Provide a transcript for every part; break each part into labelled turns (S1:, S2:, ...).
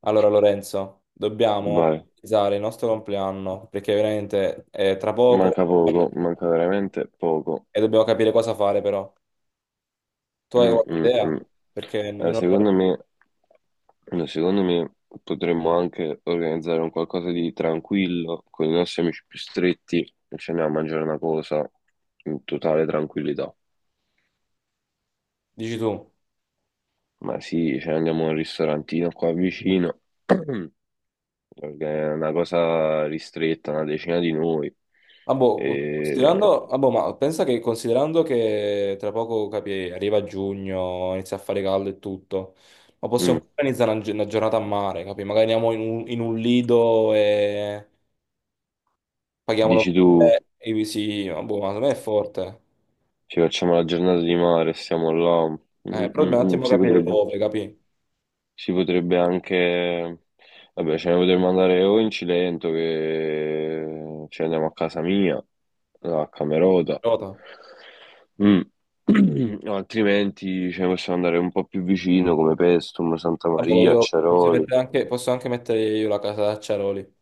S1: Allora Lorenzo, dobbiamo
S2: Vai,
S1: organizzare il nostro compleanno perché veramente è tra poco
S2: manca poco, manca
S1: e
S2: veramente poco.
S1: dobbiamo capire cosa fare però. Tu hai
S2: Mm,
S1: qualche
S2: mm,
S1: idea?
S2: mm.
S1: Perché io non...
S2: Secondo me, no, secondo me potremmo anche organizzare un qualcosa di tranquillo con i nostri amici più stretti e ci andiamo a mangiare una cosa in totale tranquillità.
S1: Dici tu.
S2: Ma sì, ci andiamo a un ristorantino qua vicino, mm, una cosa ristretta, una decina di noi.
S1: Ah, boh,
S2: E,
S1: ma pensa che considerando che tra poco capi, arriva giugno, inizia a fare caldo e tutto, ma possiamo
S2: mm,
S1: organizzare una giornata a mare, capi? Magari andiamo in un lido e paghiamolo
S2: Dici tu.
S1: pure, ma secondo me è forte.
S2: Ci facciamo la giornata di mare, stiamo là.
S1: Però dobbiamo un attimo
S2: Si
S1: capire
S2: potrebbe,
S1: dove, capi?
S2: si potrebbe anche... Vabbè, ce ne potremmo andare o in Cilento che ci andiamo a casa mia, a Camerota.
S1: Nota.
S2: Mm. O altrimenti ce ne possiamo andare un po' più vicino come Pestum, Santa
S1: Vabbè,
S2: Maria,
S1: io posso
S2: Ceroli.
S1: mettere anche, posso anche mettere io la casa d'acciaroli.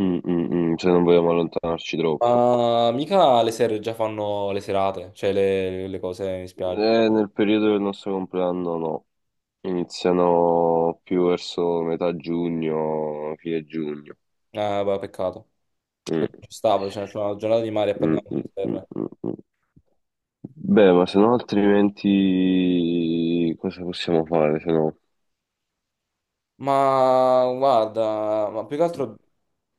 S2: Se non vogliamo allontanarci troppo.
S1: Ma mica le sere già fanno le serate, cioè le cose in spiaggia.
S2: Nel periodo del nostro compleanno no. Iniziano più verso metà giugno, fine giugno.
S1: Vabbè, peccato. Ci
S2: Mm,
S1: stava, cioè, c'è una giornata di mare e poi
S2: mm,
S1: andiamo
S2: mm,
S1: alle
S2: mm,
S1: serre.
S2: mm, mm. Beh, ma se no altrimenti cosa possiamo fare? Se no...
S1: Ma guarda, ma più che altro,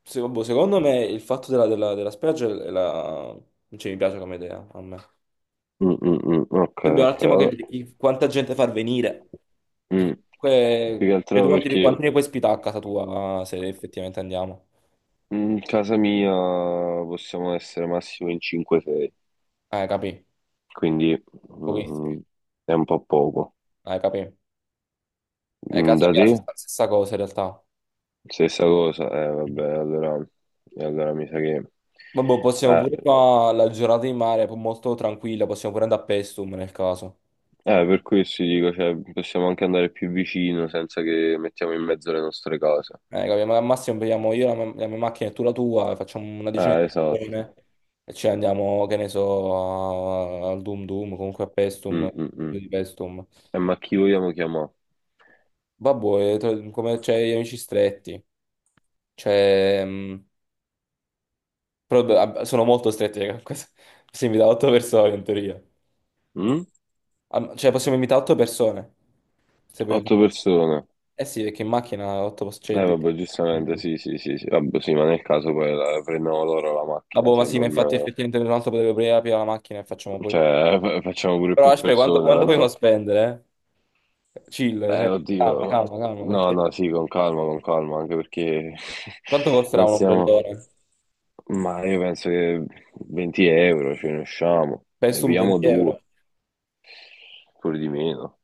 S1: secondo me il fatto della spiaggia è la... non ci mi piace come idea a me.
S2: Mm, mm, mm. Ok,
S1: Dobbiamo un
S2: ok,
S1: attimo
S2: vabbè.
S1: capire quanta gente far venire.
S2: Mm.
S1: Perché comunque
S2: Più che
S1: vedo
S2: altro
S1: quanti,
S2: perché
S1: quanti ne puoi ospitare a casa tua se effettivamente andiamo.
S2: in casa mia possiamo essere massimo in 5-6,
S1: Capì?
S2: quindi mm,
S1: Pochissimi.
S2: è un po' poco.
S1: Capì?
S2: Mm.
S1: Casa
S2: Da
S1: mia è la
S2: te?
S1: stessa stessa cosa in realtà.
S2: Stessa cosa, vabbè,
S1: Mhm.
S2: allora, e allora mi sa che...
S1: Vabbè, possiamo pure
S2: Eh,
S1: qua la giornata di mare, poi molto tranquilla, possiamo pure andare a Pestum nel caso.
S2: eh, per questo dico, cioè, possiamo anche andare più vicino senza che mettiamo in mezzo le nostre cose.
S1: Capì? Ma al massimo prendiamo io la mia macchina e tu la tua, e facciamo una decina di
S2: Esatto.
S1: persone e ci andiamo, che ne so, a- al Dum Dum, comunque a
S2: Mm,
S1: Pestum,
S2: mm, mm.
S1: di Pestum.
S2: Ma chi vogliamo chiamare?
S1: Vabbè, come c'è gli amici stretti. Cioè, mh, Sono molto stretti, raga. Si invita 8 persone in teoria.
S2: Mm?
S1: Cioè, possiamo invitare 8 persone. Se vogliamo
S2: Otto
S1: fare.
S2: persone.
S1: Eh sì, perché in macchina 8 c'è di...
S2: Vabbè, giustamente, sì, sì, sì, sì. Vabbè, sì, ma nel caso poi prendiamo loro la
S1: Ah,
S2: macchina,
S1: boh, ma
S2: se
S1: sì, ma
S2: non...
S1: infatti effettivamente un altro potrebbe aprire la macchina e facciamo pure.
S2: Cioè, facciamo pure
S1: Però
S2: più
S1: aspetta, quanto,
S2: persone,
S1: quanto vogliamo
S2: tanto...
S1: spendere? Eh? Chill, cioè, calma,
S2: Oddio.
S1: calma, calma,
S2: No, no,
S1: perché
S2: sì, con calma, anche perché
S1: quanto costerà
S2: non
S1: un
S2: stiamo...
S1: ombrellone?
S2: Ma io penso che 20 euro ce ne usciamo, ne
S1: Penso un
S2: pigliamo
S1: 20 euro.
S2: due, pure di meno,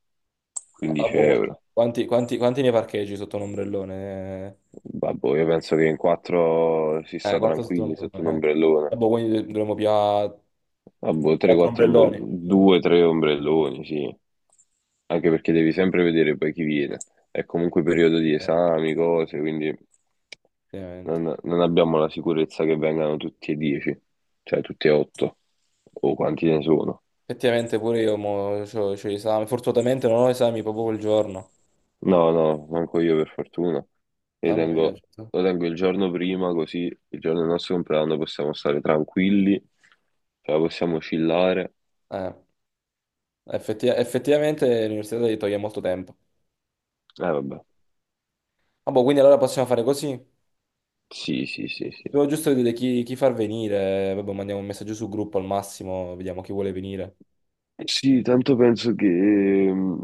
S1: Ah,
S2: 15
S1: boh.
S2: euro.
S1: Quanti ne parcheggi sotto un ombrellone?
S2: Vabbè, io penso che in quattro si sta
S1: Quattro sotto un
S2: tranquilli sotto un
S1: ombrellone. Ah,
S2: ombrellone.
S1: boh, quindi dovremmo pigliare
S2: Vabbè,
S1: quattro
S2: 3-4
S1: ombrelloni.
S2: ombrelloni, 2-3 ombrelloni, sì. Anche perché devi sempre vedere poi chi viene. È comunque periodo di
S1: Eh,
S2: esami, cose, quindi
S1: Effettivamente.
S2: non abbiamo la sicurezza che vengano tutti e 10, cioè tutti e 8, o quanti ne sono.
S1: Effettivamente pure io mo, c'ho gli esami. Fortunatamente non ho esami proprio quel giorno.
S2: No, no, manco io per fortuna. Li
S1: Mamma mia.
S2: tengo- lo tengo il giorno prima, così il giorno del nostro compleanno possiamo stare tranquilli, cioè possiamo chillare.
S1: Eh, effettivamente l'università ti toglie molto tempo.
S2: Eh vabbè,
S1: Ah, boh, quindi allora possiamo fare così.
S2: sì, sì, sì, sì.
S1: Devo giusto vedere chi far venire. Vabbè, mandiamo un messaggio sul gruppo al massimo, vediamo chi vuole venire.
S2: Sì, tanto penso che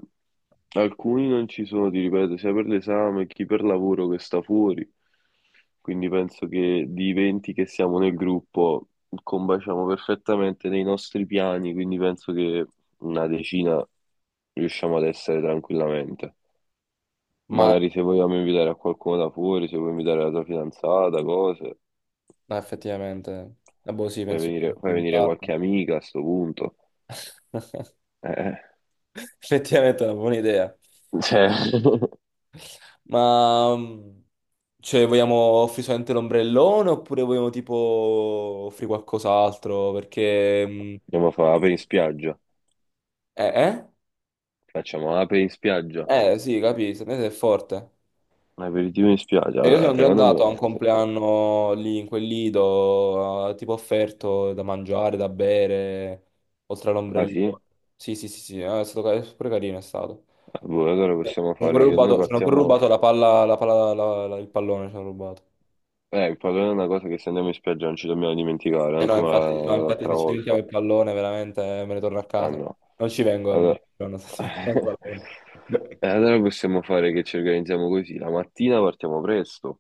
S2: alcuni non ci sono, ti ripeto, sia per l'esame che per lavoro che sta fuori. Quindi penso che di 20 che siamo nel gruppo combaciamo perfettamente nei nostri piani, quindi penso che una decina riusciamo ad essere tranquillamente.
S1: Ma
S2: Magari se vogliamo invitare a qualcuno da fuori, se vuoi invitare la tua fidanzata, cose,
S1: no, effettivamente... Ah, boh, sì, penso di di
S2: fai venire
S1: imparare.
S2: qualche amica a sto punto. Eh,
S1: Effettivamente è una buona idea.
S2: cioè,
S1: Ma mm, cioè, vogliamo offrire solamente l'ombrellone oppure vogliamo tipo offrire qualcos'altro?
S2: andiamo a fare ape in spiaggia.
S1: Eh, eh?
S2: Facciamo ape in spiaggia.
S1: Sì, capisco, è forte.
S2: Un aperitivo in spiaggia.
S1: Cioè, io
S2: Allora,
S1: sono già
S2: secondo
S1: andato
S2: me...
S1: a un compleanno lì in quel lido, tipo offerto da mangiare, da bere, oltre
S2: Ah
S1: all'ombrellone.
S2: sì?
S1: Sì, sì, sì, sì, è stato pure carino, è stato.
S2: Ah, boh, allora
S1: Ci
S2: possiamo
S1: hanno pure
S2: fare che noi
S1: rubato, ci hanno pure
S2: partiamo...
S1: rubato la palla, il pallone, ci hanno rubato.
S2: Il problema è una cosa che se andiamo in spiaggia non ci dobbiamo dimenticare,
S1: Eh
S2: anche
S1: no,
S2: come
S1: infatti, no, infatti
S2: l'altra
S1: se ci diventiamo
S2: volta.
S1: il pallone veramente me ne torno a
S2: Ah
S1: casa.
S2: no.
S1: Non ci vengo ogni
S2: Allora...
S1: giorno se ci diventiamo il pallone.
S2: E allora possiamo fare che ci organizziamo così. La mattina partiamo presto,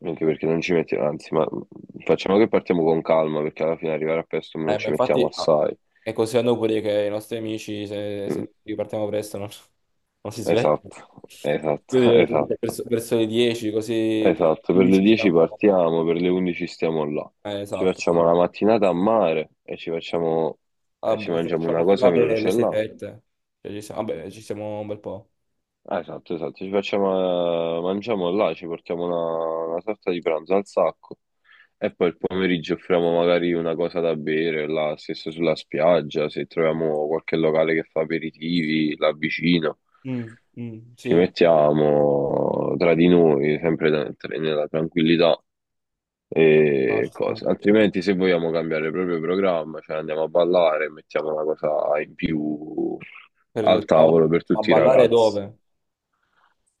S2: anche perché non ci mettiamo... Anzi, ma facciamo che partiamo con calma, perché alla fine arrivare a presto non
S1: Ma
S2: ci mettiamo
S1: infatti
S2: assai.
S1: è così a Napoli che i nostri amici, se
S2: Mm.
S1: ripartiamo presto, non si svegliano.
S2: Esatto,
S1: Io
S2: esatto,
S1: direi che
S2: esatto,
S1: verso le 10, così per le
S2: esatto. Per le
S1: 11
S2: 10
S1: siamo...
S2: partiamo, per le 11 stiamo là.
S1: Eh,
S2: Ci
S1: esatto,
S2: facciamo
S1: esatto.
S2: la mattinata a mare
S1: Ah,
S2: e ci
S1: boh, se
S2: mangiamo una
S1: facciamo fino
S2: cosa
S1: alle
S2: veloce là.
S1: 7, cioè, vabbè, ci siamo un bel po'.
S2: Ah, esatto, esatto, ci facciamo, mangiamo là, ci portiamo una sorta di pranzo al sacco e poi il pomeriggio offriamo magari una cosa da bere là, stesso sulla spiaggia, se troviamo qualche locale che fa aperitivi là vicino.
S1: Mm, mm,
S2: Ci
S1: sì,
S2: mettiamo tra di noi, sempre nella tranquillità
S1: no,
S2: e
S1: ci sta.
S2: cose. Altrimenti, se vogliamo cambiare proprio il programma, cioè andiamo a ballare, mettiamo una cosa in più
S1: Per
S2: al
S1: il tavolo.
S2: tavolo per
S1: A
S2: tutti i
S1: ballare
S2: ragazzi.
S1: dove?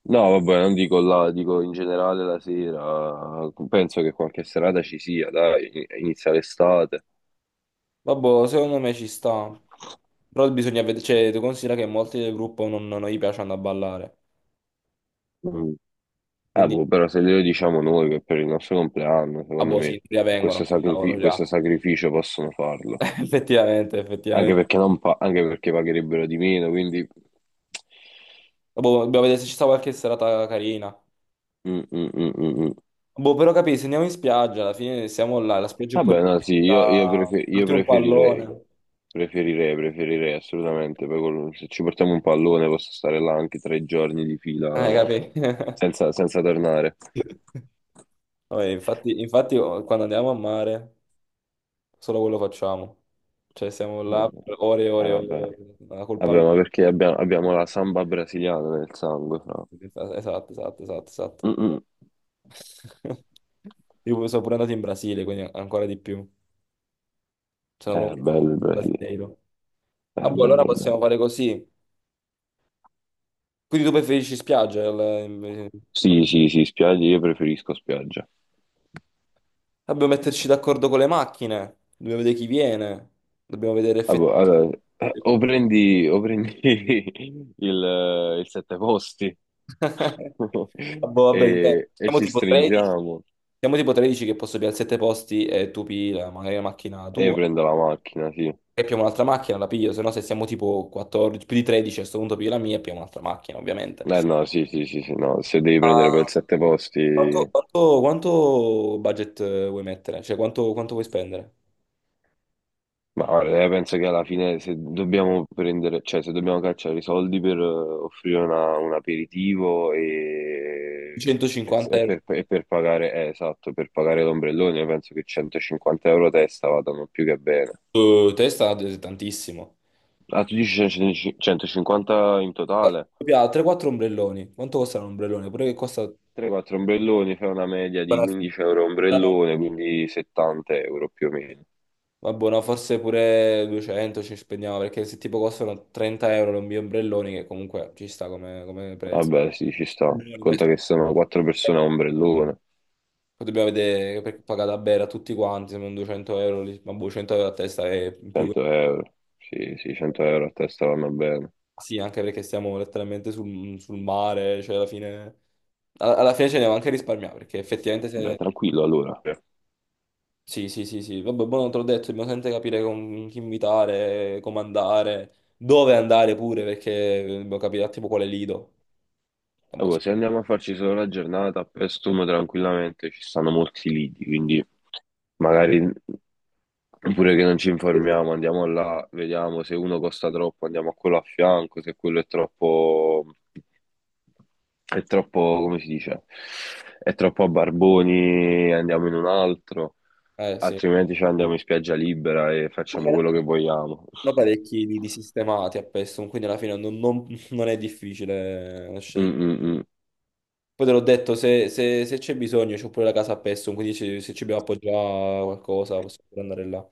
S2: No, vabbè, non dico là, dico in generale la sera. Penso che qualche serata ci sia, dai, inizia l'estate.
S1: Vabbè, secondo me ci sta. Però bisogna vedere, cioè, tu considera che molti del gruppo non gli piacciono a ballare.
S2: Mm.
S1: Quindi,
S2: Boh, però se glielo diciamo noi che per il nostro compleanno,
S1: ah
S2: secondo
S1: boh, sì,
S2: me,
S1: in teoria vengono, che cavolo, già.
S2: questo sacrificio possono farlo.
S1: Effettivamente,
S2: Anche
S1: effettivamente.
S2: perché, non pa- anche perché pagherebbero di meno, quindi...
S1: Boh, dobbiamo vedere se ci sta qualche serata carina.
S2: Mm, mm, mm, mm, mm.
S1: Boh, però capisci, se andiamo in spiaggia, alla fine siamo là, la spiaggia è pure
S2: Vabbè, no, sì, io
S1: porti un
S2: preferirei,
S1: pallone.
S2: preferirei, preferirei assolutamente. Poi se ci portiamo un pallone posso stare là anche tre giorni di fila
S1: Capì?
S2: senza tornare.
S1: Vabbè, infatti, infatti, oh, quando andiamo a mare, solo quello facciamo. Cioè, siamo là
S2: Vabbè.
S1: per ore e ore e
S2: Vabbè.
S1: ore, ore, col
S2: Vabbè,
S1: pallone.
S2: ma perché abbiamo la samba brasiliana nel sangue, fra.
S1: Esatto, esatto, esatto, esatto.
S2: Mm, mm.
S1: Io sono pure andato in Brasile, quindi ancora di più. Sono proprio
S2: Bello il
S1: un
S2: Brasile,
S1: brasileiro. Ah,
S2: è
S1: boh, allora
S2: bello, bello.
S1: possiamo fare così. Quindi tu preferisci spiaggia?
S2: Sì, sì, sì, spiagge, io preferisco spiaggia.
S1: Dobbiamo metterci d'accordo con le macchine. Dobbiamo vedere chi viene. Dobbiamo vedere
S2: Ah, boh,
S1: effettivamente.
S2: allora, o prendi il sette posti
S1: Ah, boh, vabbè, dipende.
S2: e
S1: Siamo
S2: ci
S1: tipo 13.
S2: stringiamo
S1: Siamo tipo 13 che posso pigliare 7 posti e tu pigli magari la macchina
S2: e io
S1: tua.
S2: prendo la macchina, sì.
S1: E pigliamo un'altra macchina, la piglio. Se no, se siamo tipo 14, più di 13, a questo punto piglio la mia e pigliamo un'altra macchina, ovviamente.
S2: Eh no, sì, sì, sì, sì, no, se devi prendere poi il sette posti,
S1: Quanto budget vuoi mettere? Cioè, quanto vuoi spendere?
S2: ma guarda, penso che alla fine se dobbiamo prendere, cioè se dobbiamo cacciare i soldi per offrire un aperitivo e,
S1: 150 euro
S2: e per pagare, esatto, per pagare l'ombrellone, io penso che 150 euro a testa vadano più che bene.
S1: su testa è tantissimo.
S2: Ah, tu dici 100 150 in totale?
S1: Poi ha 3-4 ombrelloni. Quanto costa un ombrellone? Pure che costa...
S2: 3-4 ombrelloni, fai una media di 15 euro ombrellone, quindi 70 euro più o meno.
S1: Vabbè, no, forse pure 200 ci spendiamo, perché se tipo costano 30 euro i miei ombrelloni, che comunque ci sta come, come prezzo.
S2: Vabbè, sì, ci sta. Conta che sono 4 persone a ombrellone,
S1: Poi dobbiamo vedere, perché paga da bere a tutti quanti, se non 200 euro, lì, ma boh, 100 euro a testa è in più.
S2: 100 euro. Sì, sì, 100 euro a testa vanno bene.
S1: Sì, anche perché stiamo letteralmente sul mare, cioè alla fine, alla fine ce ne va anche a risparmiare, perché effettivamente
S2: Vabbè,
S1: se...
S2: tranquillo allora.
S1: Sì, sì, sì, sì, vabbè, buono, te l'ho detto, dobbiamo sempre capire con chi invitare, come andare, dove andare pure, perché dobbiamo capire tipo quale lido. Ah,
S2: Ah,
S1: boh, sì.
S2: boh, se andiamo a farci solo la giornata a Paestum tranquillamente ci stanno molti lidi, quindi magari oppure che non ci informiamo, andiamo là, vediamo se uno costa troppo, andiamo a quello a fianco, se quello è troppo, come si dice, è troppo a barboni, andiamo in un altro,
S1: Eh sì,
S2: altrimenti ci andiamo in spiaggia libera e
S1: ma in
S2: facciamo
S1: realtà
S2: quello che vogliamo.
S1: sono parecchi lidi sistemati a Pestum, quindi alla fine non è difficile
S2: Mm,
S1: scegliere.
S2: mm, mm.
S1: Poi te l'ho detto, se c'è bisogno, c'ho pure la casa a Pestum, quindi se ci dobbiamo appoggiare a qualcosa possiamo pure andare là.